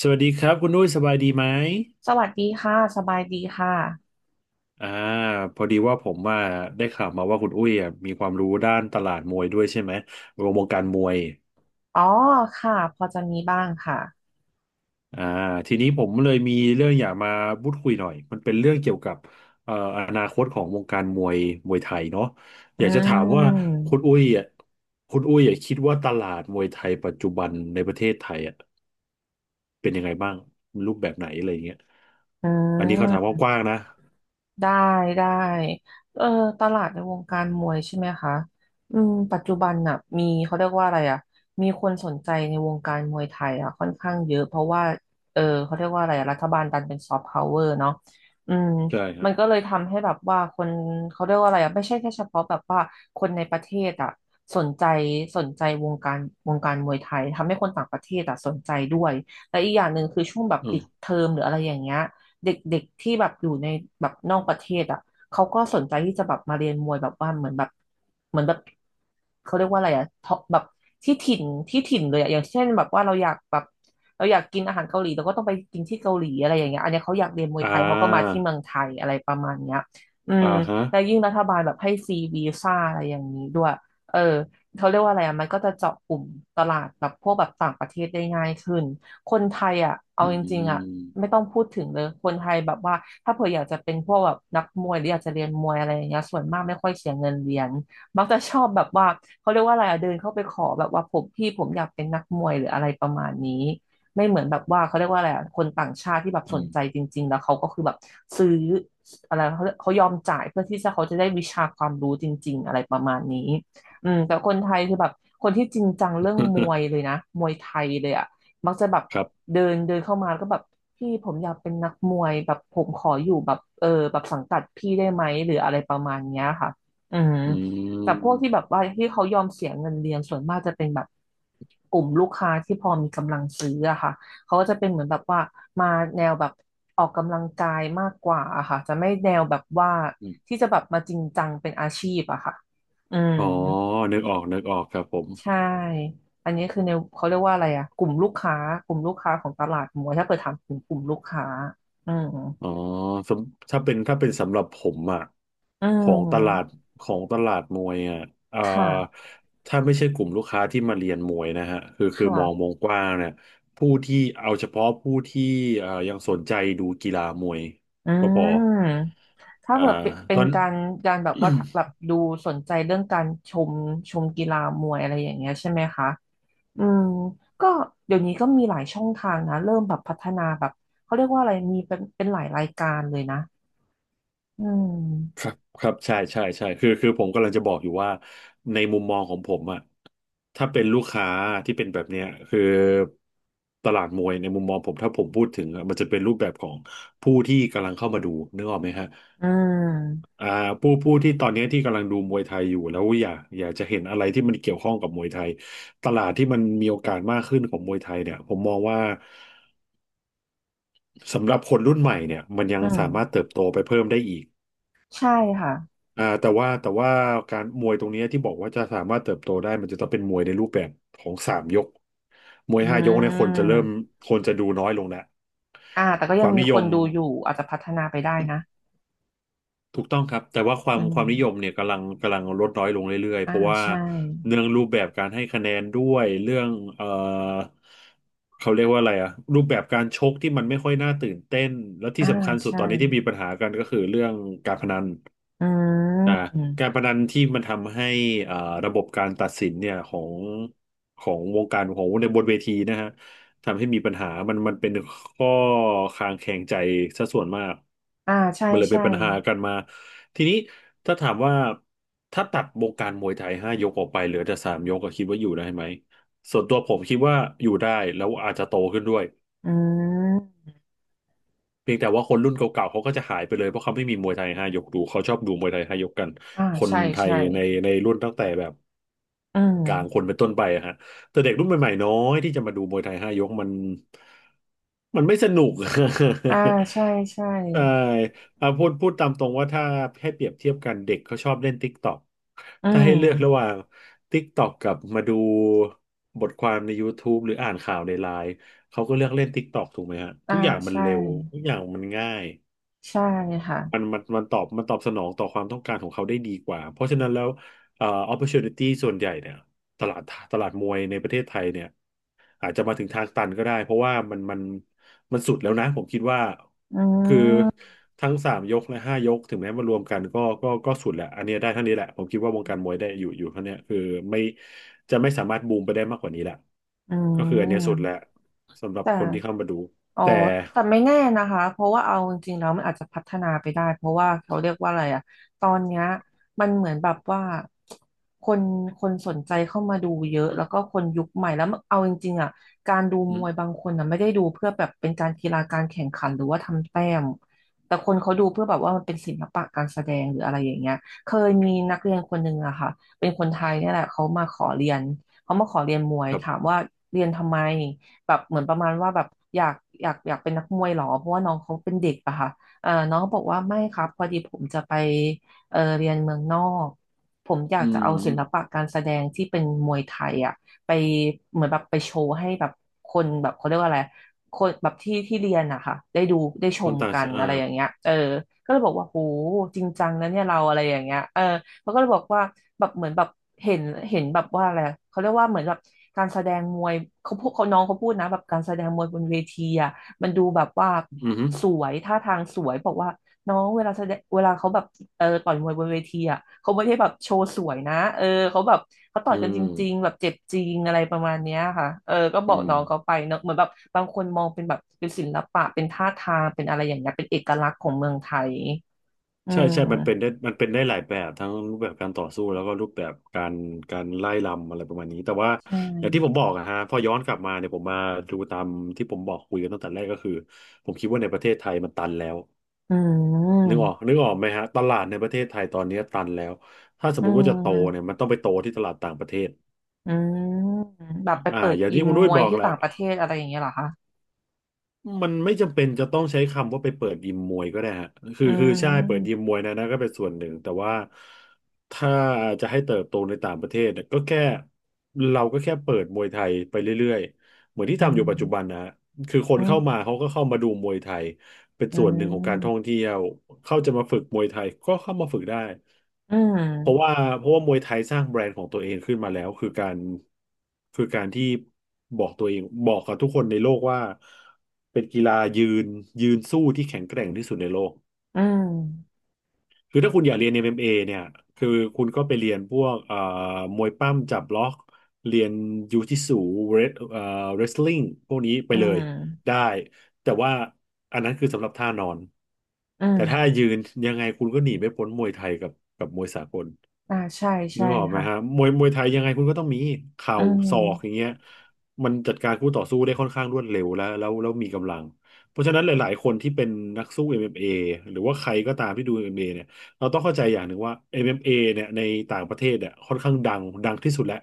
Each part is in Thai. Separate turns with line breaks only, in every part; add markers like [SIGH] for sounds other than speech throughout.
สวัสดีครับคุณอุ้ยสบายดีไหม
สวัสดีค่ะสบายดีค่ะ
อ่าพอดีว่าผมว่าได้ข่าวมาว่าคุณอุ้ยอ่ะมีความรู้ด้านตลาดมวยด้วยใช่ไหมรวมวงการมวย
อ๋อค่ะพอจะมีบ้างค่ะ
อ่าทีนี้ผมเลยมีเรื่องอยากมาพูดคุยหน่อยมันเป็นเรื่องเกี่ยวกับเอ่ออนาคตของวงการมวยมวยไทยเนาะอ
อื
ยากจะถามว่า
ม
คุณอุ้ยอ่ะคุณอุ้ยอ่ะคิดว่าตลาดมวยไทยปัจจุบันในประเทศไทยอ่ะเป็นยังไงบ้างรูปแบบไหนอะไรอย่างเงี้ย
อื
อันนี้เขาถาม
ม
กว้างๆนะ
ได้ได้เออตลาดในวงการมวยใช่ไหมคะปัจจุบันน่ะมีเขาเรียกว่าอะไรอ่ะมีคนสนใจในวงการมวยไทยอ่ะค่อนข้างเยอะเพราะว่าเขาเรียกว่าอะไรอะรัฐบาลดันเป็นซอฟต์พาวเวอร์เนาะอืม
ใช่ครั
มั
บ
นก็เลยทำให้แบบว่าคนเขาเรียกว่าอะไรอ่ะไม่ใช่แค่เฉพาะแบบว่าคนในประเทศอ่ะสนใจสนใจวงการมวยไทยทำให้คนต่างประเทศอ่ะสนใจด้วยและอีกอย่างหนึ่งคือช่วงแบบ
อื
ปิ
ม
ดเทอมหรืออะไรอย่างเงี้ย เด็กๆที่แบบอยู่ในแบบนอกประเทศอ่ะเขาก็สนใจที่จะแบบมาเรียนมวยแบบว่าเหมือนแบบเหมือนแบบเขาเรียกว่าอะไรอ่ะท็อปแบบที่ถิ่นที่ถิ่นเลยอะอย่างเช่นแบบว่าเราอยากแบบเราอยากกินอาหารเกาหลีเราก็ต้องไปกินที่เกาหลีอะไรอย่างเงี้ยอันเนี้ยเขาอยากเรียนมวย
อ่า
ไทยเขาก็มาที่เมืองไทยอะไรประมาณเนี้ยอืม
อ่าฮะ
แล้วยิ่งรัฐบาลแบบให้ฟรีวีซ่าอะไรอย่างนี้ด้วยเออเขาเรียกว่าอะไรอ่ะมันก็จะเจาะกลุ่มตลาดแบบพวกแบบต่างประเทศได้ง่ายขึ้นคนไทยอ่ะเอา
อื
จริงๆอ่ะ
ม
ไม่ต้องพูดถึงเลย คนไทยแบบว่าถ้าเผื่ออยากจะเป็นพวกแบบนักมวยหรืออยากจะเรียนมวยอะไรอย่างเงี้ยส่วนมากไม่ค่อยเสียเงินเรียนมักจะชอบแบบว่าเขาเรียกว่าอะไรอะเดินเข้าไปขอแบบว่าผมพี่ผมอยากเป็นนักมวยหรืออะไรประมาณนี้ไม่เหมือนแบบว่าเขาเรียกว่าอะไรอะคนต่างชาติที่แบบ
อื
สน
ม
ใจจริงๆแล้วเขาก็คือแบบซื้ออะไรเขาเขายอมจ่ายเพื่อที่จะเขาจะได้วิชาความรู้จริงๆอะไรประมาณนี้แต่คนไทยคือแบบคนที่จริงจังเรื่องมวยเล
[LAUGHS]
ยนะมวยไทยเลยอะ มักจะแบบ
ครับ
เดินเดินเข้ามาแล้วก็แบบพี่ผมอยากเป็นนักมวยแบบผมขออยู่แบบเออแบบสังกัดพี่ได้ไหมหรืออะไรประมาณเนี้ยค่ะอืม
อื
แต่พวก
ม
ที่แบบว่าที่เขายอมเสียเงินเรียนส่วนมากจะเป็นแบบกลุ่มลูกค้าที่พอมีกำลังซื้ออะค่ะเขาก็จะเป็นเหมือนแบบว่ามาแนวแบบออกกำลังกายมากกว่าอะค่ะจะไม่แนวแบบว่า
อื
ที่
ม
จะแบบมาจริงจังเป็นอาชีพอะค่ะอืม
อ๋อนึกออกนึกออกครับผม
ใช่อันนี้คือในเขาเรียกว่าอะไรอ่ะกลุ่มลูกค้าของตลาดหมวยถ้าเกิดถามถึงกลุ่มลูกค้าอืม
อ๋อถ้าเป็นสำหรับผมอ่ะ
อื
ของตลาด
ม
ของตลาดมวยอ่ะเอ่า
ค่ะ
ถ้าไม่ใช่กลุ่มลูกค้าที่มาเรียนมวยนะฮะคือ
ค
คือมองว
่ะ
งกว้างเนี่ยผู้ที่เอาเฉพาะผู้ที่เอ่ายังสนใจดูกีฬามวย
อื
ก็พอ
มถ้า
อ่า
เกิดเป็นเป็
ต
น
อน
การแบบว่าแบบ
[COUGHS]
ดูสนใจเรื่องการชมกีฬามวยอะไรอย่างเงี้ยใช่ไหมคะอืมก็เดี๋ยวนี้ก็มีหลายช่องทางนะเริ่มแบบพัฒนาแบบเขาเรียกว่าอะไรมีเป็นหลายรายการเลยนะอืม
ครับครับใช่ใช่ใช่คือผมกำลังจะบอกอยู่ว่าในมุมมองของผมอะถ้าเป็นลูกค้าที่เป็นแบบเนี้ยคือตลาดมวยในมุมมองผมถ้าผมพูดถึงอะมันจะเป็นรูปแบบของผู้ที่กำลังเข้ามาดูนึกออกไหมฮะ
อืม
อ่าผู้ที่ตอนนี้ที่กำลังดูมวยไทยอยู่แล้วอยากจะเห็นอะไรที่มันเกี่ยวข้องกับมวยไทยตลาดที่มันมีโอกาสมากขึ้นของมวยไทยเนี่ยผมมองว่าสำหรับคนรุ่นใหม่เนี่ยมันยั
อื
ง
ม
สามารถเติบโตไปเพิ่มได้อีก
ใช่ค่ะ
แต่ว่าการมวยตรงเนี้ยที่บอกว่าจะสามารถเติบโตได้มันจะต้องเป็นมวยในรูปแบบของสามยกมวย
อื
ห้ายกเนี่ย
ม
คนจะดูน้อยลงแล้ว
อ่าแต่ก็
ค
ยัง
วาม
มี
นิย
คน
ม
ดูอยู่อาจจะพัฒนาไปได้นะ
ถูกต้องครับแต่ว่าควา
อื
มความนิยม
ม
เนี่ยกำลังลดน้อยลงเรื่อยๆ
อ่า
เพราะว่า
ใช่
เรื่องรูปแบบการให้คะแนนด้วยเรื่องเอ่อเขาเรียกว่าอะไรอะรูปแบบการชกที่มันไม่ค่อยน่าตื่นเต้นและที่
อ่า
สำคัญสุด
ใช่
ตอนนี้ที่มีปัญหากันก็คือเรื่องการพนัน
อื
อ่ากา
ม
รพนันที่มันทำให้อ่าระบบการตัดสินเนี่ยของของวงการของในบนเวทีนะฮะทำให้มีปัญหามันเป็นข้อคลางแคลงใจซะส่วนมาก
อ่าใช่
มันเลยเป็
ใช่
นปัญหากันมาทีนี้ถ้าถามว่าถ้าตัดวงการมวยไทยห้ายกออกไปเหลือแต่สามยกก็คิดว่าอยู่ได้ไหมส่วนตัวผมคิดว่าอยู่ได้แล้วอาจจะโตขึ้นด้วย
อืม
เพียงแต่ว่าคนรุ่นเก่าๆ เขาก็จะหายไปเลยเพราะเขาไม่มีมวยไทยห้ายกดูเขาชอบดูมวยไทยห้ายกกัน
อ่า
คน
ใช่
ไทย
ใช่
ในในรุ่นตั้งแต่แบบ
อืม
กลางคนเป็นต้นไปอะฮะแต่เด็กรุ่นใหม่ๆน้อยที่จะมาดูมวยไทยห้ายกมันมันไม่สนุก [LAUGHS]
อ่าใช่ใช่
ใช่อ่าพูดตามตรงว่าถ้าให้เปรียบเทียบกันเด็กเขาชอบเล่น TikTok
อื
ถ้าให้เลือกระหว่า
ม
ง TikTok กับมาดูบทความใน YouTube หรืออ่านข่าวในไลน์เขาก็เลือกเล่น TikTok ถูกไหมฮะ
อ่า
ทุกอย่างมัน
ใช่
เร็วทุกอย่างมันง่าย
ใช่ค่ะ
มันตอบสนองต่อความต้องการของเขาได้ดีกว่าเพราะฉะนั้นแล้วopportunity ส่วนใหญ่เนี่ยตลาดตลาดมวยในประเทศไทยเนี่ยอาจจะมาถึงทางตันก็ได้เพราะว่ามันสุดแล้วนะผมคิดว่า
อื
คือ
ม
ทั้งสามยกและห้ายกถึงแม้มารวมกันก็สุดแหละอันเนี้ยได้เท่านี้แหละผมคิดว่าวงการมวยได้อยู่เท่าเนี้ยคือไม่จะไม่สามารถบูมไปได้มากกว่านี้แหละ
อื
ก็คืออันเนี้ยสุดแล้ว
ม
สำหรับ
แต่
คนที่เข้ามาดู
อ๋อ
แต่
แต่ไม่แน่นะคะ เพราะว่าเอาจริงๆแล้วมันอาจจะพัฒนาไปได้ เพราะว่าเขาเรียกว่าอะไรอะตอนเนี้ยมันเหมือนแบบว่าคนคนสนใจเข้ามาดูเยอะ แล้วก็คนยุคใหม่แล้วเอาจริงๆอะการดูม
อืม
วยบางคนนะไม่ได้ดูเพื่อแบบเป็นการกีฬาการแข่งขันหรือว่าทำแต้มแต่คนเขาดูเพื่อแบบว่ามันเป็นศิลปะการแสดงหรืออะไรอย่างเงี้ยเคยมีนักเรียนคนหนึ่งอะค่ะเป็นคนไทยเนี่ยแหละเขามาขอเรียนเขามาขอเรียนมวย
ครับ
ถามว่าเรียนทำไม แบบเหมือนประมาณว่าแบบอยากอยากเป็นนักมวยเหรอเพราะว่าน้องเขาเป็นเด็กอะค่ะเออน้องก็บอกว่าไม่ครับพอดีผมจะไปเรียนเมืองนอกผมอยา
อื
กจะเอาศิล
ม
ปะการแสดงที่เป็นมวยไทยอะไปเหมือนแบบไปโชว์ให้แบบคนแบบเขาเรียกว่าอะไรคนแบบที่ที่เรียนอะค่ะได้ดูได้ช
คน
ม
ต่าง
กัน
ชา
อะไรอ
ติ
ย่างเงี้ยก็เลยบอกว่าโหจริงจังนะเนี่ยเราอะไรอย่างเงี้ยเขาก็เลยบอกว่าแบบเหมือนแบบเห็นเห็นแบบว่าอะไรเขาเรียกว่าเหมือนแบบการแสดงมวยเขาพูดเขาน้องเขาพูดนะแบบการแสดงมวยบนเวทีอ่ะมันดูแบบว่า
อืมอหื
สวยท่าทางสวยบอกว่าน้องเวลาแสดงเวลาเขาแบบต่อยมวยบนเวทีอ่ะเขาไม่ได้แบบโชว์สวยนะเออเขาแบบเขาต่อ
อื
ยกันจริงๆ
ม
แบบเจ็บจริงอะไรประมาณเนี้ยค่ะเออก็บอก
อืม
น้องเขาไปเนอะเหมือนแบบบางคนมองเป็นแบบเป็นศิลปะเป็นท่าทางเป็นอะไรอย่างเงี้ยเป็นเอกลักษณ์ของเมืองไทยอื
ใช่
ม
ใช่มันเป็นได้มันเป็นได้หลายแบบทั้งรูปแบบการต่อสู้แล้วก็รูปแบบการไล่ลำอะไรประมาณนี้ แต่ว่า
ใช่
อย่างที่ผมบอกอะฮะพอย้อนกลับมาเนี่ยผมมาดูตามที่ผมบอกคุยกันตั้งแต่แรกก็คือผมคิดว่าในประเทศไทยมันตันแล้ว
อื
นึกออ
ม
กนึกออกไหมฮะตลาดในประเทศไทยตอนนี้ตันแล้วถ้าสม
อื
มติว่าจะโตเนี่ย
ม
มันต้องไปโตที่ตลาดต่างประเทศ
อืมแบบไปเปิด
อย่าง
ยิ
ที่
ม
คุณนุ้
ม
ย
วย
บอก
ที่
แหละ
ต่างประเทศอะไรอย่างเงี้ยเหรอคะ
มันไม่จำเป็นจะต้องใช้คำว่าไปเปิดยิมมวยก็ได้ฮะคือ
อื
คือใช่เปิดยิม
ม
มวยนะก็เป็นส่วนหนึ่งแต่ว่าถ้าจะให้เติบโตในต่างประเทศเนี่ยก็แค่เราก็แค่เปิดมวยไทยไปเรื่อยๆเหมือนที่
อื
ทำอยู่ปัจจุบัน
ม
นะฮะคือคน
อื
เข้า
ม
มาเขาก็เข้ามาดูมวยไทยเป็น
อื
ส่วนหนึ่งของการท่อง
ม
เที่ยวเข้าจะมาฝึกมวยไทยก็เข้ามาฝึกได้
อืม
เพราะว่าเพราะว่ามวยไทยสร้างแบรนด์ของตัวเองขึ้นมาแล้วคือการคือการที่บอกตัวเองบอกกับทุกคนในโลกว่าเป็นกีฬายืนยืนสู้ที่แข็งแกร่งที่สุดในโลก
อืม
คือถ้าคุณอยากเรียน MMA เอ็มเอเนี่ยคือคุณก็ไปเรียนพวกมวยปั้มจับล็อกเรียนยูจิสึเรสเรสลิงพวกนี้ไป
อื
เลยได้
ม
แต่ว่าอันนั้นคือสำหรับท่านอน
อื
แต่
ม
ถ้ายืนยังไงคุณก็หนีไม่พ้นมวยไทยกับกับมวยสากล
อ่าใช่
นึ
ใช่
กออกไหม
ค่ะ
ฮะมวยไทยยังไงคุณก็ต้องมีเข่า
อื
ศอกอย่าง
ม
เงี้ยมันจัดการคู่ต่อสู้ได้ค่อนข้างรวดเร็วแล้วมีกำลังเพราะฉะนั้นหลายๆคนที่เป็นนักสู้ MMA หรือว่าใครก็ตามที่ดูเอ็มเอ็มเอเนี่ยเราต้องเข้าใจอย่างหนึ่งว่า MMA เอ็มเอเนี่ยในต่างประเทศเนี่ยค่อนข้างดังดังที่สุดแล้ว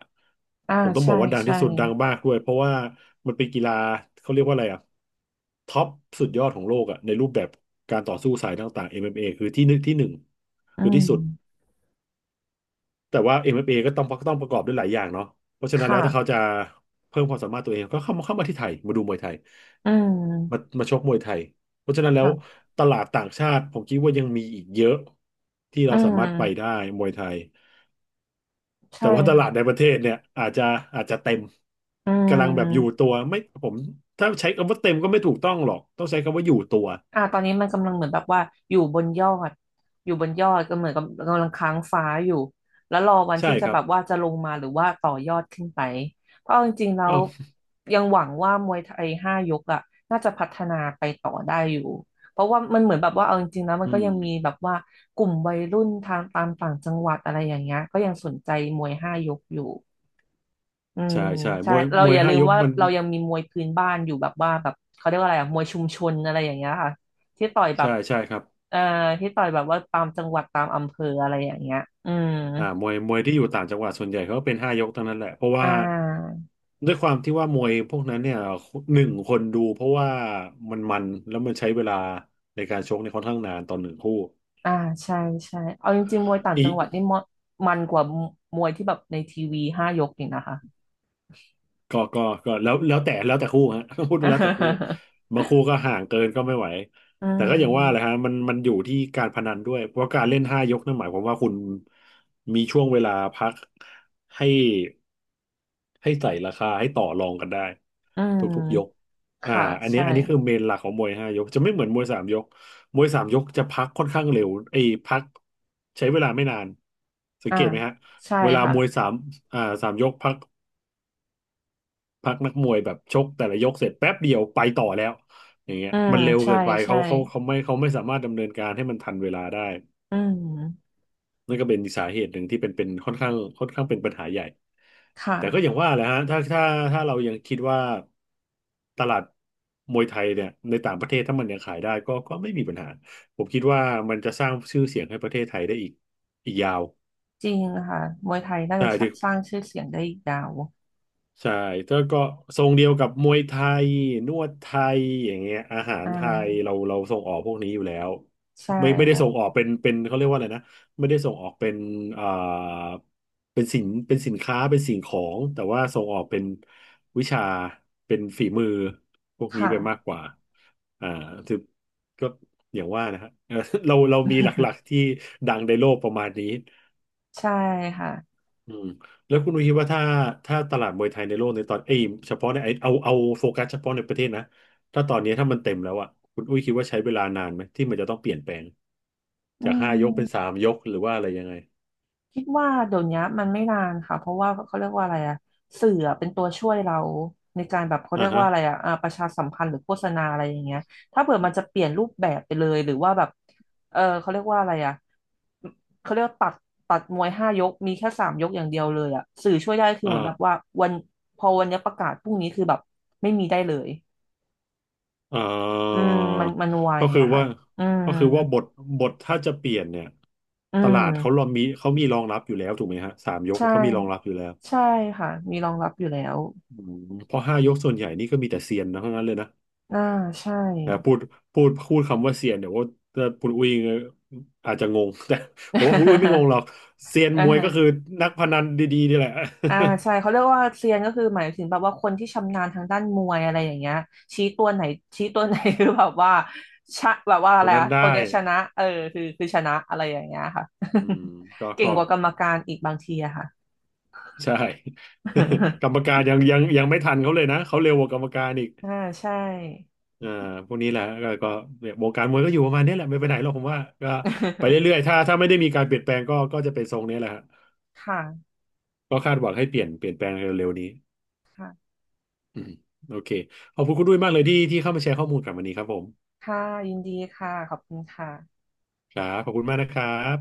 อ่า
ผมต้องบ
ใช่
อกว่าดัง
ใช่
ที่สุดดังมากด้วยเพราะว่ามันเป็นกีฬาเขาเรียกว่าอะไรอะท็อปสุดยอดของโลกอะในรูปแบบการต่อสู้สายต่างๆเอ็มเอมเอคือที่หนึ่ง
อื
คือที่
ม
สุด แต่ว่า m เ a ก็ต้องประกอบด้วยหลายอย่างเนาะเพราะฉะนั้นแล้วถ้าเขา
ค่ะ
จะเพิ่มความสามารถตัวเองก็เข้ามาที่ไทยมาดูมวยไทย
อื
มา
ม
มาชกมวยไทยเพราะฉะนั้นแล้ว
ค่ะ
ตลาดต่างชาติผมคิดว่ายังมีอีกเยอะที่
อื
เราสามารถไปได้
ม
มวยไทยแต่
ใช่
ว่าตลาด
ค่ะ
ในประเทศเนี่ยอาจจะอาจจะเต็ม
อื
กำลังแบบอยู่
ม
ตัวไม่ผมถ้าใช้คำว่าเต็มก็ไม่ถูกต้องหรอกต้องใช้คำว่าอยู่ตัว
อ่าตอนนี้มันกำลังเหมือนแบบว่าอยู่บนยอดอยู่บนยอดก็เหมือนกับกำลังค้างฟ้าอยู่แล้วรอวัน
ใช่
ที่จะ
ครั
แบ
บ
บว่าจะลงมาหรือว่าต่อยอดขึ้นไปเพราะเอาจริงๆแล้ว
อ้าว
ยังหวังว่ามวยไทยห้ายกอ่ะน่าจะพัฒนาไปต่อได้อยู่เพราะว่ามันเหมือนแบบว่าเอาจริงๆแล้วมั
อื
นก็
ม
ยังมีแบบว่ากลุ่มวัยรุ่นทางตามต่างจังหวัดอะไรอย่างเงี้ยก็ยังสนใจมวยห้ายกอยู่ อืม
ใช่ใช่
ใช่
มวย
เรา
มว
อ
ย
ย่าลื
ห้า
ม
ยก
ว่า
มัน
เรายังมีมวยพื้นบ้านอยู่แบบว่าแบบเขาเรียกว่าอะไรอะมวยชุมชนอะไรอย่างเงี้ยค่ะที่ต่อยแบ
ใช่
บ
ใช่ครับ
เอ่อที่ต่อยแบบว่าตามจังหวัดตามอำเภออะไรอย่างเงี้ยอืม
มวยที่อยู่ต่างจังหวัดส่วนใหญ่เขาก็เป็นห้ายกทั้งนั้นแหละเพราะว่า
อ่า
ด้วยความที่ว่ามวยพวกนั้นเนี่ยหนึ่งคนดูเพราะว่ามันแล้วมันใช้เวลาในการชกในี่ยค่อนข้างนานตอนหนึ่งคู่
อ่าใช่ใช่เอาจริงๆมวยต่าง
อี
จั
ก
งหวัดนี่มมันกว่ามวยที่แบบในทีวีห้ายกอีกนะคะ
ก็แล้วแต่คู่ฮะ [LAUGHS] ต้องพูดแล้วแต่คู่บางคู่ก็ห่างเกินก็ไม่ไหว
[LAUGHS] อื
แต่ก็อย่างว่าแหละฮะ
ม
มันอยู่ที่การพนันด้วยเพราะการเล่นห้ายกนั่นหมายความว่าคุณมีช่วงเวลาพักให้ให้ใส่ราคาให้ต่อรองกันได้
อื
ทุกๆยก
ม
อ่า
ค่ะ
อันเนี้ย
ใช่
อันนี้คือเมนหลักของมวยห้ายกจะไม่เหมือนมวยสามยกมวยสามยกจะพักค่อนข้างเร็วไอ้ยพักใช้เวลาไม่นานสัง
อ่า
เกตไหมฮะ
ใช่
เวลา
ค่ะ
มวยสามสามยกพัก พักนักมวยแบบชกแต่ละยกเสร็จแป๊บเดียวไปต่อแล้วอย่างเงี้ย
อืม
มันเร็ว
ใช่
เกินไป
ใช่
เขาไม่สามารถดำเนินการให้มันทันเวลาได้
อืม
นั่นก็เป็นสาเหตุหนึ่งที่เป็นค่อนข้างเป็นปัญหาใหญ่
ค
แต่ก็อย่าง
่ะ
ว่าแหละฮะถ้าถ้าเรายังคิดว่าตลาดมวยไทยเนี่ยในต่างประเทศถ้ามันยังขายได้ก็ไม่มีปัญหาผมคิดว่ามันจะสร้างชื่อเสียงให้ประเทศไทยได้อีกอีกยาว
จริงค่ะมวยไทยน่า
ใช่
จะสร้างชื่อเสียงได้อีกยาว
ใช่แล้วก็ทรงเดียวกับมวยไทยนวดไทยอย่างเงี้ยอาหาร
อ่
ไทยเรา
า
เราส่งออกพวกนี้อยู่แล้ว
ใช่
ไม่ได้
ค่ะ
ส่งออกเป็นเขาเรียกว่าอะไรนะไม่ได้ส่งออกเป็นอ่าเป็นสินค้าเป็นสิ่งของแต่ว่าส่งออกเป็นวิชาเป็นฝีมือพวกนี้
ค่ะ
ไปมากกว่าอ่าคือก็อย่างว่านะฮะ [LAUGHS] เออเราเรามีหลักๆที่
[LAUGHS]
ดังในโลกประมาณนี้
ใช่ค่ะ
อืมแล้วคุณนุ้ยคิดว่าถ้าตลาดมวยไทยในโลกในตอนเอ้ยเฉพาะในไอเอาโฟกัสเฉพาะในประเทศนะถ้ามันเต็มแล้วอ่ะคุณอุ้ยคิดว่าใช้เวลานานไหมที่มันจะต้องเปลี่ยนแปลง
อื
จากห้ายกเป็น
ม
สามยกหรือว่าอะไรยังไง
คิดว่าเดี๋ยวนี้มันไม่นานค่ะเพราะว่าเขาเรียกว่าอะไรอะสื่ออะเป็นตัวช่วยเราในการแบบเขา
อ่า
เรียก
ฮะ
ว่าอะไรอะอ่าประชาสัมพันธ์หรือโฆษณาอะไรอย่างเงี้ยถ้าเผื่อมันจะเปลี่ยนรูปแบบไปเลยหรือว่าแบบเออเขาเรียกว่าอะไรอะเขาเรียกว่าตัดตัดมวยห้ายกมีแค่3 ยกอย่างเดียวเลยอะสื่อช่วยได้คือเหมือนแบบ
อ่า
ว่าวันพอวันนี้ประกาศพรุ่งนี้คือแบบไม่มีได้เลย
อ่
อื
า
มมันมันไว
ก็คือ
อะค่ะ
ว่า
อืม
ก็คือว่าบทถ้าจะเปลี่ยนเนี่ย
อื
ตลาดเขารอ
ม
มีเขามีรองรับอยู่แล้วถูกไหมฮะสามยก
ใช่
เขามีรองรับอยู่แล้ว
ใช่ค่ะมีรองรับอยู่แล้ว
อืมเพราะห้ายกส่วนใหญ่นี่ก็มีแต่เซียนนะเท่านั้นเลยนะ
อ่าใช่
นะพูดคำว่าเซียนเดี๋ยวว่าคุณอุ้ยอาจจะงง [LAUGHS] แต่ผมว่าคุณอุ้ยไม่งง
[LAUGHS]
หรอกเซียน
อ่า
มวยก็คือนักพนันดีๆนี่แหละ
อ่าใช่เขาเรียกว่าเซียนก็คือหมายถึงแบบว่าคนที่ชำนาญทางด้านมวยอะไรอย่างเงี้ยชี้ตัวไหนชี้ตัวไหน [LAUGHS] คือแบบว่าชะ [LAUGHS] แบบว่า
[LAUGHS]
อะ
ตั
ไร
วนั้
อะ
นได้
คนเนี้ยชนะเออคือคือชนะอะไรอย่างเงี้ยค่ะ
อืมก็
[LAUGHS] เก่ง
ก็
กว่ากรรมการอีกบางทีอะค่ะ
ใช่ [LAUGHS] กรรม
[LAUGHS]
การยังไม่ทันเขาเลยนะเขาเร็วกว่ากรรมการอีก
อ่าใช่
อ่าพวกนี้แหละก็เนี่ยวงการมวยก็อยู่ประมาณนี้แหละไม่ไปไหนหรอกผมว่าก็ไป
[LAUGHS]
เรื่อยๆถ้าไม่ได้มีการเปลี่ยนแปลงก็จะเป็นทรงนี้แหละฮะ
ค่ะ
ก็คาดหวังให้เปลี่ยนแปลงเร็วๆนี้
ค่ะ
อืมโอเคขอบคุณคุณด้วยมากเลยที่เข้ามาแชร์ข้อมูลกับวันนี้ครับผม
ค่ะยินดีค่ะขอบคุณค่ะ
ครับขอบคุณมากนะครับ